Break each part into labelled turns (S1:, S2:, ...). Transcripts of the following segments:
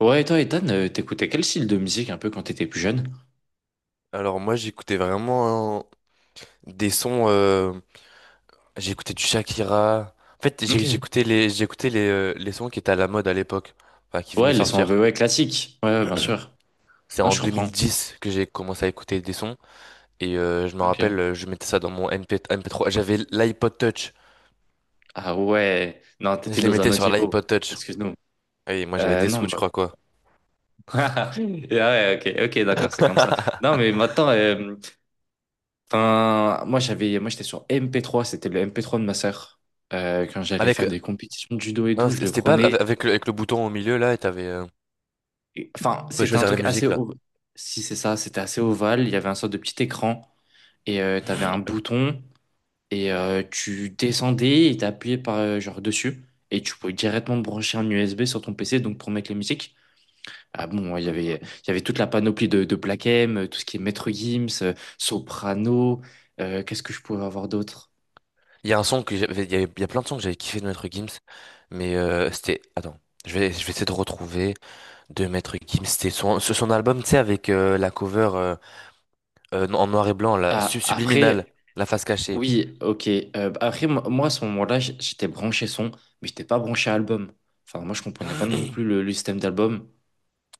S1: Ouais, et toi, Ethan, t'écoutais quel style de musique un peu quand t'étais plus jeune?
S2: Alors moi j'écoutais vraiment, hein, des sons, j'écoutais du Shakira. En fait,
S1: Ok.
S2: j'écoutais les sons qui étaient à la mode à l'époque, enfin qui venaient
S1: Ouais,
S2: de
S1: les sons un
S2: sortir.
S1: peu ouais, classiques. Ouais, ouais, bien sûr.
S2: C'est
S1: Non,
S2: en
S1: je comprends.
S2: 2010 que j'ai commencé à écouter des sons et je me
S1: Ok.
S2: rappelle, je mettais ça dans mon MP3 j'avais l'iPod Touch.
S1: Ah ouais. Non, t'étais
S2: Je les
S1: dans un
S2: mettais
S1: autre
S2: sur
S1: niveau.
S2: l'iPod Touch.
S1: Excuse-nous.
S2: Et moi j'avais des
S1: Non,
S2: sous, je
S1: bah...
S2: crois quoi.
S1: Ah ouais, ok, ok, d'accord, c'est comme ça. Non, mais maintenant, enfin, moi j'étais sur MP3, c'était le MP3 de ma sœur. Quand j'allais
S2: Avec
S1: faire des compétitions de judo et
S2: non,
S1: tout, je
S2: c'était
S1: le
S2: c'était pas
S1: prenais.
S2: avec le, avec le bouton au milieu là, et t'avais tu
S1: Enfin,
S2: pouvais
S1: c'était un
S2: choisir les
S1: truc assez,
S2: musiques là.
S1: si c'est ça, c'était assez ovale. Il y avait un sorte de petit écran et t'avais un bouton. Et tu descendais et t'appuyais par genre dessus et tu pouvais directement brancher un USB sur ton PC donc pour mettre les musiques. Ah bon, il y avait toute la panoplie de, Black M, tout ce qui est Maître Gims, Soprano, qu'est-ce que je pouvais avoir d'autre?
S2: Il y a un son que j'avais, il y a plein de sons que j'avais kiffé de Maître Gims, mais c'était, attends, je vais essayer de retrouver de Maître Gims. C'était son, son album, tu sais, avec la cover en noir et blanc, la
S1: Ah
S2: Subliminal,
S1: après
S2: la face cachée.
S1: oui, OK. Après à ce moment-là, j'étais branché son, mais j'étais pas branché album. Enfin moi je comprenais pas non plus le, système d'album.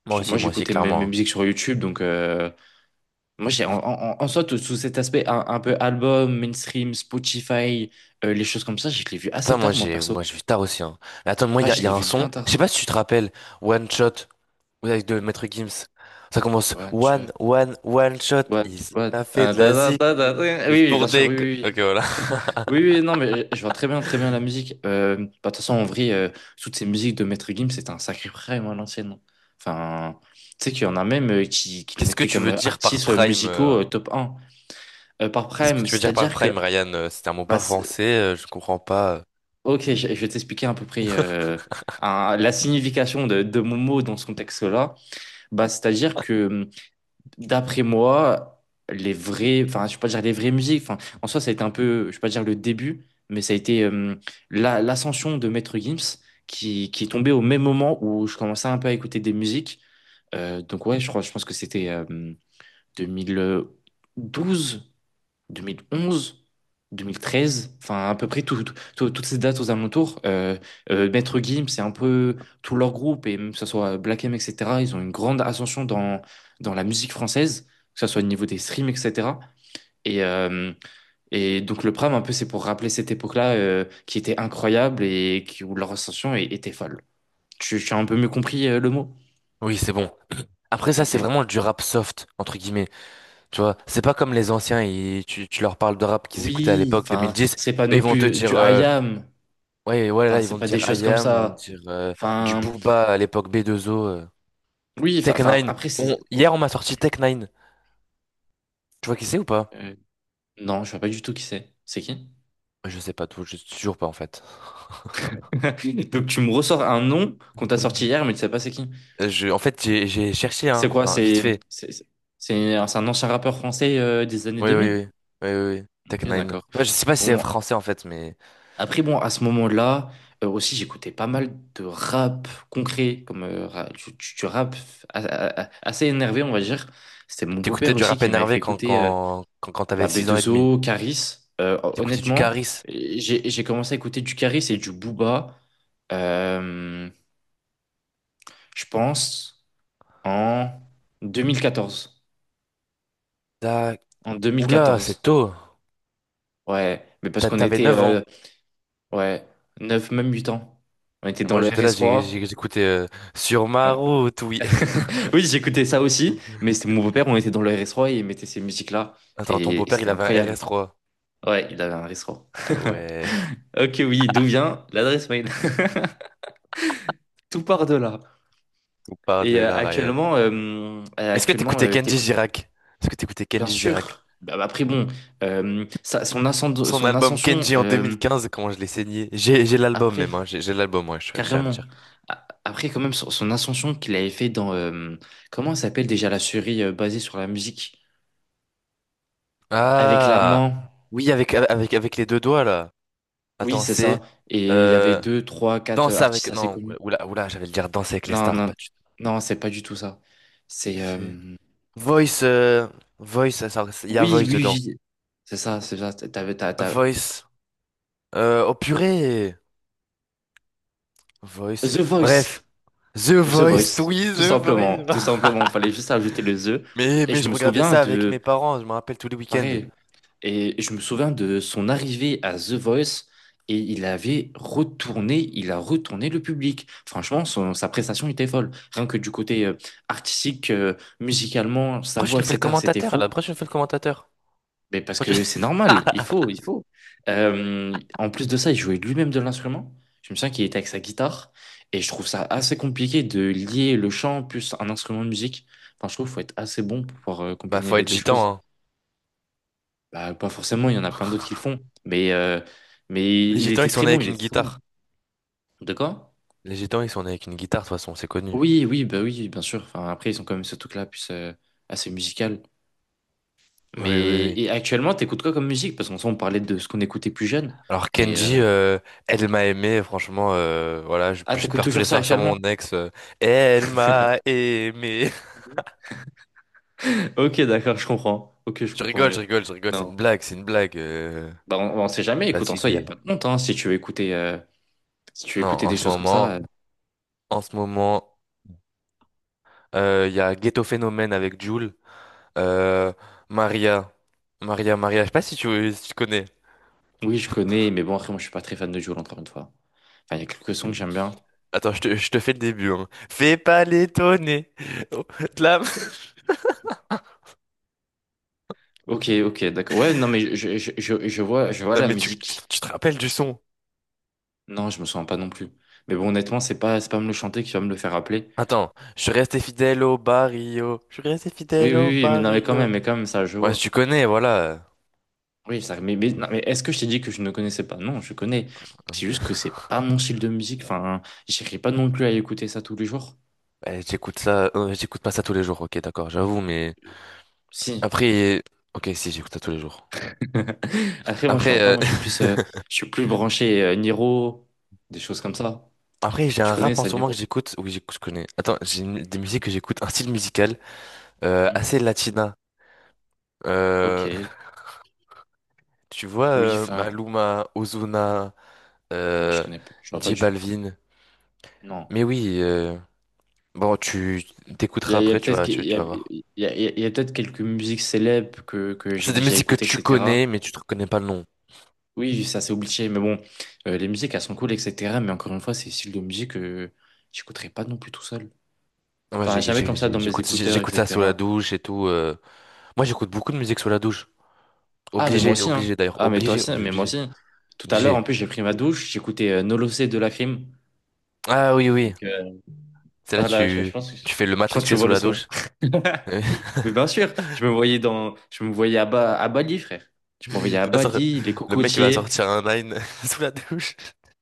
S1: Genre, moi
S2: Moi aussi,
S1: j'écoutais mes,
S2: clairement,
S1: mes
S2: hein.
S1: musiques sur YouTube, donc moi, j'ai, en soi, sous cet aspect un peu album, mainstream, Spotify, les choses comme ça, je l'ai vu
S2: Ça,
S1: assez
S2: moi,
S1: tard, moi,
S2: moi,
S1: perso.
S2: je suis tard aussi, hein. Mais attends, moi,
S1: Ah, je
S2: il y
S1: l'ai
S2: a un
S1: vu
S2: son.
S1: bien
S2: Je sais
S1: tard.
S2: pas si tu te rappelles, One Shot, ouais, avec de Maître Gims. Ça commence
S1: One shot,
S2: One, One, One Shot.
S1: one,
S2: Il
S1: one.
S2: a fait
S1: Ah,
S2: de
S1: ta,
S2: la
S1: ta,
S2: zik,
S1: ta, ta,
S2: mais
S1: ta.
S2: juste
S1: Oui, oui, bien
S2: pour
S1: sûr,
S2: des.
S1: oui, oui,
S2: Ok,
S1: oui.
S2: voilà.
S1: Oui, oui, non, mais je vois très bien la musique. Bah, de toute façon, en vrai, toutes ces musiques de Maître Gims, c'était un sacré prime à l'ancienne. Enfin, tu sais qu'il y en a même qui, qui le
S2: Qu'est-ce que
S1: mettraient
S2: tu
S1: comme
S2: veux dire par
S1: artistes
S2: prime?
S1: musicaux top un par
S2: Qu'est-ce que
S1: prime.
S2: tu veux dire par
S1: C'est-à-dire que
S2: prime, Ryan? C'est un mot
S1: bah,
S2: pas français, je comprends pas.
S1: Ok, je vais t'expliquer à peu près la signification de, mon mot dans ce contexte-là. Bah, c'est-à-dire que, d'après moi, les vrais, enfin, je vais pas dire les vraies musiques, enfin, en soi, ça a été un peu, je vais pas dire le début, mais ça a été l'ascension de Maître Gims qui est tombée au même moment où je commençais un peu à écouter des musiques. Donc, ouais, je crois, je pense que c'était 2012. 2011, 2013, enfin à peu près toutes ces dates aux alentours. Maître Gims, c'est un peu tout leur groupe, et même que ce soit Black M, etc., ils ont une grande ascension dans la musique française, que ce soit au niveau des streams, etc. Et, euh, et donc le Pram, un peu, c'est pour rappeler cette époque-là qui était incroyable et où leur ascension était folle. Tu as un peu mieux compris le mot?
S2: Oui, c'est bon. Après ça,
S1: Ok.
S2: c'est vraiment du rap soft, entre guillemets. Tu vois, c'est pas comme les anciens, tu leur parles de rap qu'ils écoutaient à
S1: Oui,
S2: l'époque
S1: enfin,
S2: 2010,
S1: c'est pas
S2: et
S1: non
S2: ils vont te
S1: plus du
S2: dire,
S1: I am,
S2: ouais, ouais,
S1: enfin,
S2: là, ils
S1: c'est
S2: vont te
S1: pas des
S2: dire
S1: choses comme
S2: IAM, ils vont te
S1: ça.
S2: dire du
S1: Enfin,
S2: Booba à l'époque B2O.
S1: oui, enfin,
S2: Tech 9.
S1: enfin, après, c'est.
S2: Hier, on m'a sorti Tech 9. Tu vois qui c'est ou pas?
S1: euh, non, je vois pas du tout qui c'est. C'est qui?
S2: Je sais pas tout, je sais toujours pas en fait.
S1: Donc, tu me ressors un nom qu'on t'a sorti hier, mais tu sais pas c'est qui.
S2: Je, en fait, j'ai cherché,
S1: C'est
S2: hein,
S1: quoi?
S2: enfin, vite
S1: C'est
S2: fait.
S1: c'est c'est un c'est un ancien rappeur français des années
S2: Oui,
S1: deux
S2: oui,
S1: mille.
S2: oui, oui, oui, oui. Tech
S1: Ok,
S2: 9.
S1: d'accord.
S2: Tu vois, je sais pas si c'est
S1: Bon,
S2: français en fait, mais.
S1: après, bon, à ce moment-là, aussi, j'écoutais pas mal de rap concret, comme du rap assez énervé, on va dire. C'était mon beau-père
S2: T'écoutais du
S1: aussi
S2: rap
S1: qui m'avait fait
S2: énervé
S1: écouter.
S2: quand t'avais
S1: Bah,
S2: 6 ans et demi.
S1: B2O, Caris.
S2: T'écoutais du
S1: Honnêtement,
S2: Caris.
S1: j'ai commencé à écouter du Caris et du Booba, euh, je pense, en 2014.
S2: T'as-
S1: En deux mille
S2: Oula, c'est
S1: quatorze.
S2: tôt.
S1: Ouais, mais parce qu'on
S2: T'avais
S1: était
S2: 9 ans.
S1: ouais, neuf, même 8 ans. On était
S2: Et
S1: dans
S2: moi,
S1: le
S2: j'étais là,
S1: RS3.
S2: j'écoutais Sur ma
S1: Ouais.
S2: route, oui.
S1: Oui, j'écoutais ça aussi, mais c'était mon beau-père, on était dans le RS3 et il mettait ces musiques-là.
S2: Attends, ton
S1: Et
S2: beau-père,
S1: c'était
S2: il avait un
S1: incroyable.
S2: RS3.
S1: Ouais, il avait un RS3.
S2: Ah ouais,
S1: Ok, oui, d'où vient l'adresse mail? Tout part de là.
S2: on part de là, Ryan. Est-ce que
S1: Actuellement,
S2: t'écoutais Kenji
S1: t'écoutes
S2: Girac? Est-ce que t'écoutais
S1: bien
S2: Kenji Girac?
S1: sûr. Bah, après bon,
S2: Son
S1: son
S2: album
S1: ascension
S2: Kenji en 2015, comment je l'ai saigné. J'ai l'album même,
S1: après
S2: hein. J'ai l'album, ouais, je tiens à le
S1: carrément.
S2: dire.
S1: Après quand même son ascension qu'il avait fait dans comment ça s'appelle déjà la série basée sur la musique avec
S2: Ah!
S1: l'amant.
S2: Oui, avec les deux doigts, là.
S1: Oui,
S2: Attends,
S1: c'est
S2: c'est...
S1: ça. Et il y avait
S2: euh,
S1: deux, trois, quatre
S2: Danse
S1: artistes
S2: avec...
S1: assez
S2: Non,
S1: connus.
S2: oula, oula, j'allais le dire Danse avec les
S1: Non,
S2: stars,
S1: non,
S2: pas du tout.
S1: non, c'est pas du tout ça. C'est
S2: C'est... Voice, Voice, ça, il y a
S1: oui,
S2: Voice dedans.
S1: oui, oui. C'est ça, c'est ça.
S2: Voice, oh purée, Voice.
S1: The Voice.
S2: Bref, The
S1: The
S2: Voice,
S1: Voice,
S2: oui, The Voice.
S1: tout simplement, fallait juste ajouter le The.
S2: Mais,
S1: Et
S2: mais
S1: je
S2: je
S1: me
S2: regardais
S1: souviens
S2: ça avec
S1: de,
S2: mes parents, je me rappelle tous les week-ends.
S1: pareil, et je me souviens de son arrivée à The Voice et il avait retourné, il a retourné le public. Franchement, sa prestation était folle. Rien que du côté artistique, musicalement, sa
S2: Pourquoi je
S1: voix,
S2: nous fais le
S1: etc., c'était
S2: commentateur,
S1: fou.
S2: là? Pourquoi je nous fais le commentateur?
S1: Mais parce
S2: Pourquoi je-
S1: que c'est normal, il faut, il faut. En plus de ça, il jouait lui-même de l'instrument. Je me souviens qu'il était avec sa guitare. Et je trouve ça assez compliqué de lier le chant plus un instrument de musique. Enfin, je trouve qu'il faut être assez bon pour pouvoir
S2: Bah,
S1: combiner
S2: faut
S1: les
S2: être
S1: deux
S2: gitan,
S1: choses.
S2: hein.
S1: Bah, pas forcément, il y en a plein d'autres qui le font. Mais, euh, mais
S2: Les
S1: il
S2: gitans,
S1: était
S2: ils sont
S1: très
S2: nés
S1: bon,
S2: avec
S1: il
S2: une
S1: était très bon.
S2: guitare.
S1: De quoi?
S2: Les gitans, ils sont nés avec une guitare, de toute façon, c'est connu.
S1: Oui, oui, bah oui, bien sûr. Enfin, après, ils sont quand même ce truc-là, plus assez musical.
S2: Oui, oui,
S1: Mais
S2: oui.
S1: et actuellement, t'écoutes quoi comme musique? Parce qu'en soi, on parlait de ce qu'on écoutait plus jeune.
S2: Alors
S1: Mais euh,
S2: Kenji, elle m'a aimé, franchement, voilà,
S1: ah,
S2: je
S1: t'écoutes
S2: pleure tous
S1: toujours
S2: les
S1: ça
S2: soirs sur
S1: actuellement?
S2: mon ex. Elle m'a aimé.
S1: Ok, d'accord, je comprends. Ok, je
S2: Je
S1: comprends
S2: rigole,
S1: mieux.
S2: je rigole, je rigole, c'est
S1: Non,
S2: une blague, c'est une blague.
S1: bah, on sait jamais. Écoute, en soi, il n'y a
S2: Fatigué.
S1: pas de honte, hein, si tu veux
S2: Non,
S1: écouter des
S2: en ce
S1: choses comme ça.
S2: moment, en ce moment, il y a Ghetto Phénomène avec Jul, euh, Maria, Maria, Maria. Je sais pas si tu, connais.
S1: Oui, je connais, mais bon, après, moi, je suis pas très fan de Jul, encore une fois. Enfin, il y a quelques sons que j'aime bien.
S2: Attends, je te fais le début, hein. Fais pas l'étonner. Oh, de la-
S1: Ok, ok, d'accord. Ouais, non, mais je vois
S2: Non
S1: la
S2: mais
S1: musique.
S2: tu te rappelles du son?
S1: Non, je me sens pas non plus. Mais bon, honnêtement, c'est pas me le chanter qui va me le faire rappeler.
S2: Attends, je suis resté fidèle au barrio. Je suis resté
S1: Oui,
S2: fidèle
S1: oui,
S2: au
S1: oui, mais non,
S2: barrio.
S1: mais quand même, ça, je
S2: Ouais, si
S1: vois.
S2: tu connais, voilà.
S1: Oui, ça, mais, non, mais est-ce que je t'ai dit que je ne connaissais pas? Non, je connais. C'est
S2: Ok.
S1: juste que c'est pas mon style de musique. Enfin, j'irai pas non plus à écouter ça tous les jours.
S2: Ouais, j'écoute ça. J'écoute pas ça tous les jours, ok, d'accord, j'avoue, mais.
S1: Si.
S2: Après. Ok, si, j'écoute ça tous les jours.
S1: Après, moi, je suis
S2: Après,
S1: en pas. Moi, je suis plus, euh, je suis plus branché Niro, des choses comme ça.
S2: Après, j'ai
S1: Tu
S2: un
S1: connais
S2: rap en
S1: ça,
S2: ce moment que
S1: Niro?
S2: j'écoute. Oui, j'écoute, je connais. Attends, des musiques que j'écoute, un style musical
S1: Hmm.
S2: assez latina. Euh,
S1: Ok.
S2: Tu vois,
S1: Oui, enfin,
S2: Maluma, Ozuna,
S1: non, je
S2: euh,
S1: connais pas. Je vois pas
S2: J
S1: du tout.
S2: Balvin.
S1: Non.
S2: Mais oui, bon, tu t'écouteras après,
S1: Il
S2: tu
S1: y a,
S2: vas voir.
S1: il y a- il y a- il y a peut-être quelques musiques célèbres que j'ai
S2: C'est des
S1: déjà
S2: musiques que
S1: écoutées,
S2: tu
S1: etc.
S2: connais, mais tu te reconnais pas le nom.
S1: Oui, ça c'est obligé, mais bon, les musiques elles sont cool, etc. Mais encore une fois, c'est le style de musique que j'écouterai pas non plus tout seul.
S2: Ah, moi,
S1: Enfin, jamais comme ça dans mes
S2: j'écoute,
S1: écouteurs,
S2: j'écoute ça sous la
S1: etc.
S2: douche et tout. Moi, j'écoute beaucoup de musique sous la douche.
S1: Ah, mais moi
S2: Obligé,
S1: aussi, hein.
S2: obligé d'ailleurs.
S1: Ah, mais toi
S2: Obligé,
S1: aussi,
S2: obligé,
S1: mais moi
S2: obligé.
S1: aussi. Tout à l'heure,
S2: Obligé.
S1: en plus, j'ai pris ma douche, j'écoutais No Losé de Lacrim.
S2: Ah oui, oui.
S1: Donc, euh,
S2: C'est là,
S1: ah là, je, je
S2: tu,
S1: pense que,
S2: tu fais le
S1: je pense que tu
S2: matrixé
S1: vois
S2: sous
S1: le
S2: la
S1: son.
S2: douche.
S1: Mais bien sûr, je me voyais à Bali, frère. Je me voyais à
S2: Tu vas sortir-
S1: Bali, les
S2: Le mec, il va
S1: cocotiers,
S2: sortir un nine sous la douche.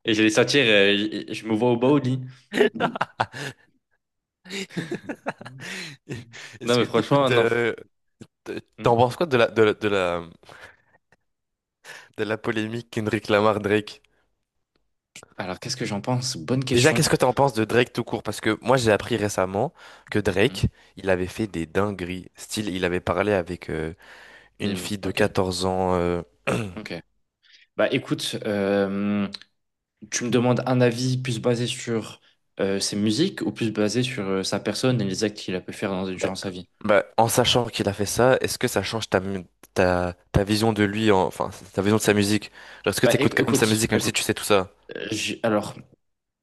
S1: et je les sortir, je me vois au Baoli. Non,
S2: Est-ce
S1: mais
S2: que
S1: franchement,
S2: t'écoutes,
S1: non.
S2: t'en
S1: Hmm.
S2: penses quoi de la, de la polémique Kendrick Lamar Drake?
S1: Alors, qu'est-ce que j'en pense? Bonne
S2: Déjà,
S1: question.
S2: qu'est-ce que t'en penses de Drake tout court? Parce que moi, j'ai appris récemment que
S1: Hmm.
S2: Drake, il avait fait des dingueries. Style, il avait parlé avec
S1: Des
S2: une
S1: mines.
S2: fille de
S1: Ok,
S2: 14 ans.
S1: ok. Bah écoute, tu me demandes un avis plus basé sur ses musiques ou plus basé sur sa personne et les actes qu'il a pu faire
S2: Bah,
S1: durant sa vie?
S2: en sachant qu'il a fait ça, est-ce que ça change ta vision de lui, enfin, ta vision de sa musique? Genre, est-ce que
S1: Bah
S2: t'écoutes quand même sa
S1: écoute,
S2: musique, même si tu
S1: écoute.
S2: sais tout ça?
S1: Alors,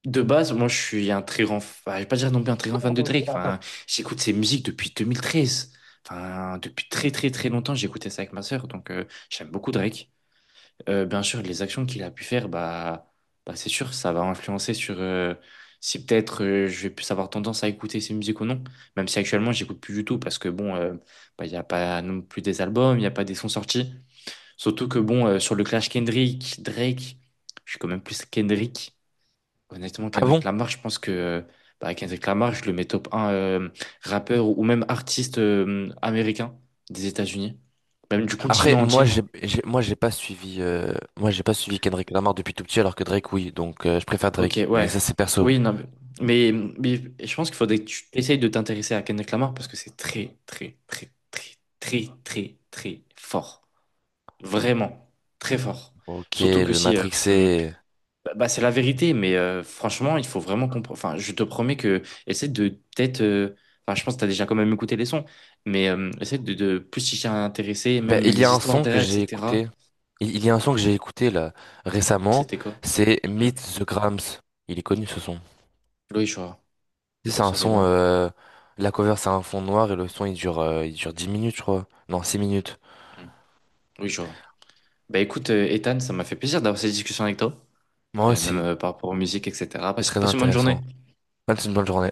S1: de base, moi je suis un très grand, je vais pas dire non plus un très grand fan de Drake. Enfin, j'écoute ses musiques depuis 2013. Enfin, depuis très très très longtemps, j'écoutais ça avec ma sœur, donc j'aime beaucoup Drake. Bien sûr, les actions qu'il a pu faire, bah, c'est sûr, ça va influencer sur si peut-être je vais plus avoir tendance à écouter ses musiques ou non. Même si actuellement, j'écoute plus du tout parce que bon, bah, il n'y a pas non plus des albums, il n'y a pas des sons sortis. Surtout que bon, sur le clash Kendrick, Drake, je suis quand même plus Kendrick. Honnêtement,
S2: Ah
S1: Kendrick
S2: bon?
S1: Lamar, je pense que Kendrick Lamar, je le mets top un rappeur ou même artiste américain des États-Unis, même du
S2: Après,
S1: continent
S2: moi,
S1: entier.
S2: moi, j'ai pas suivi, moi, j'ai pas suivi Kendrick Lamar depuis tout petit, alors que Drake, oui. Donc, je préfère
S1: Ok,
S2: Drake. Mais
S1: ouais.
S2: ça, c'est perso.
S1: Oui, non, mais, mais, mais, je pense qu'il faudrait que tu essayes de t'intéresser à Kendrick Lamar parce que c'est très, très, très, très, très, très, très fort. Vraiment, très fort.
S2: Ok,
S1: Surtout que
S2: le
S1: si...
S2: Matrixé.
S1: bah, c'est la vérité, mais franchement, il faut vraiment comprendre... Enfin, je te promets que... Essaie de peut-être... Enfin, je pense que tu as déjà quand même écouté les sons, mais essaie de, plus t'y intéresser,
S2: Ben,
S1: même
S2: il y
S1: les
S2: a un
S1: histoires
S2: son que
S1: derrière,
S2: j'ai
S1: etc.
S2: écouté. Il y a un son que j'ai écouté là récemment.
S1: C'était quoi?
S2: C'est
S1: Hum.
S2: Meet the Grams. Il est connu ce son.
S1: Oui, je vois.
S2: Tu sais, c'est
S1: Ah,
S2: un
S1: ça, les
S2: son,
S1: bien.
S2: la cover c'est un fond noir et le son il dure 10 minutes, je crois. Non, 6 minutes.
S1: Hum. Oui, je vois. Bah écoute, Ethan, ça m'a fait plaisir d'avoir cette discussion avec toi,
S2: Moi
S1: même
S2: aussi.
S1: par rapport aux musiques, etc.
S2: C'est
S1: Passe,
S2: très
S1: passe une bonne journée.
S2: intéressant. Passe une bonne journée.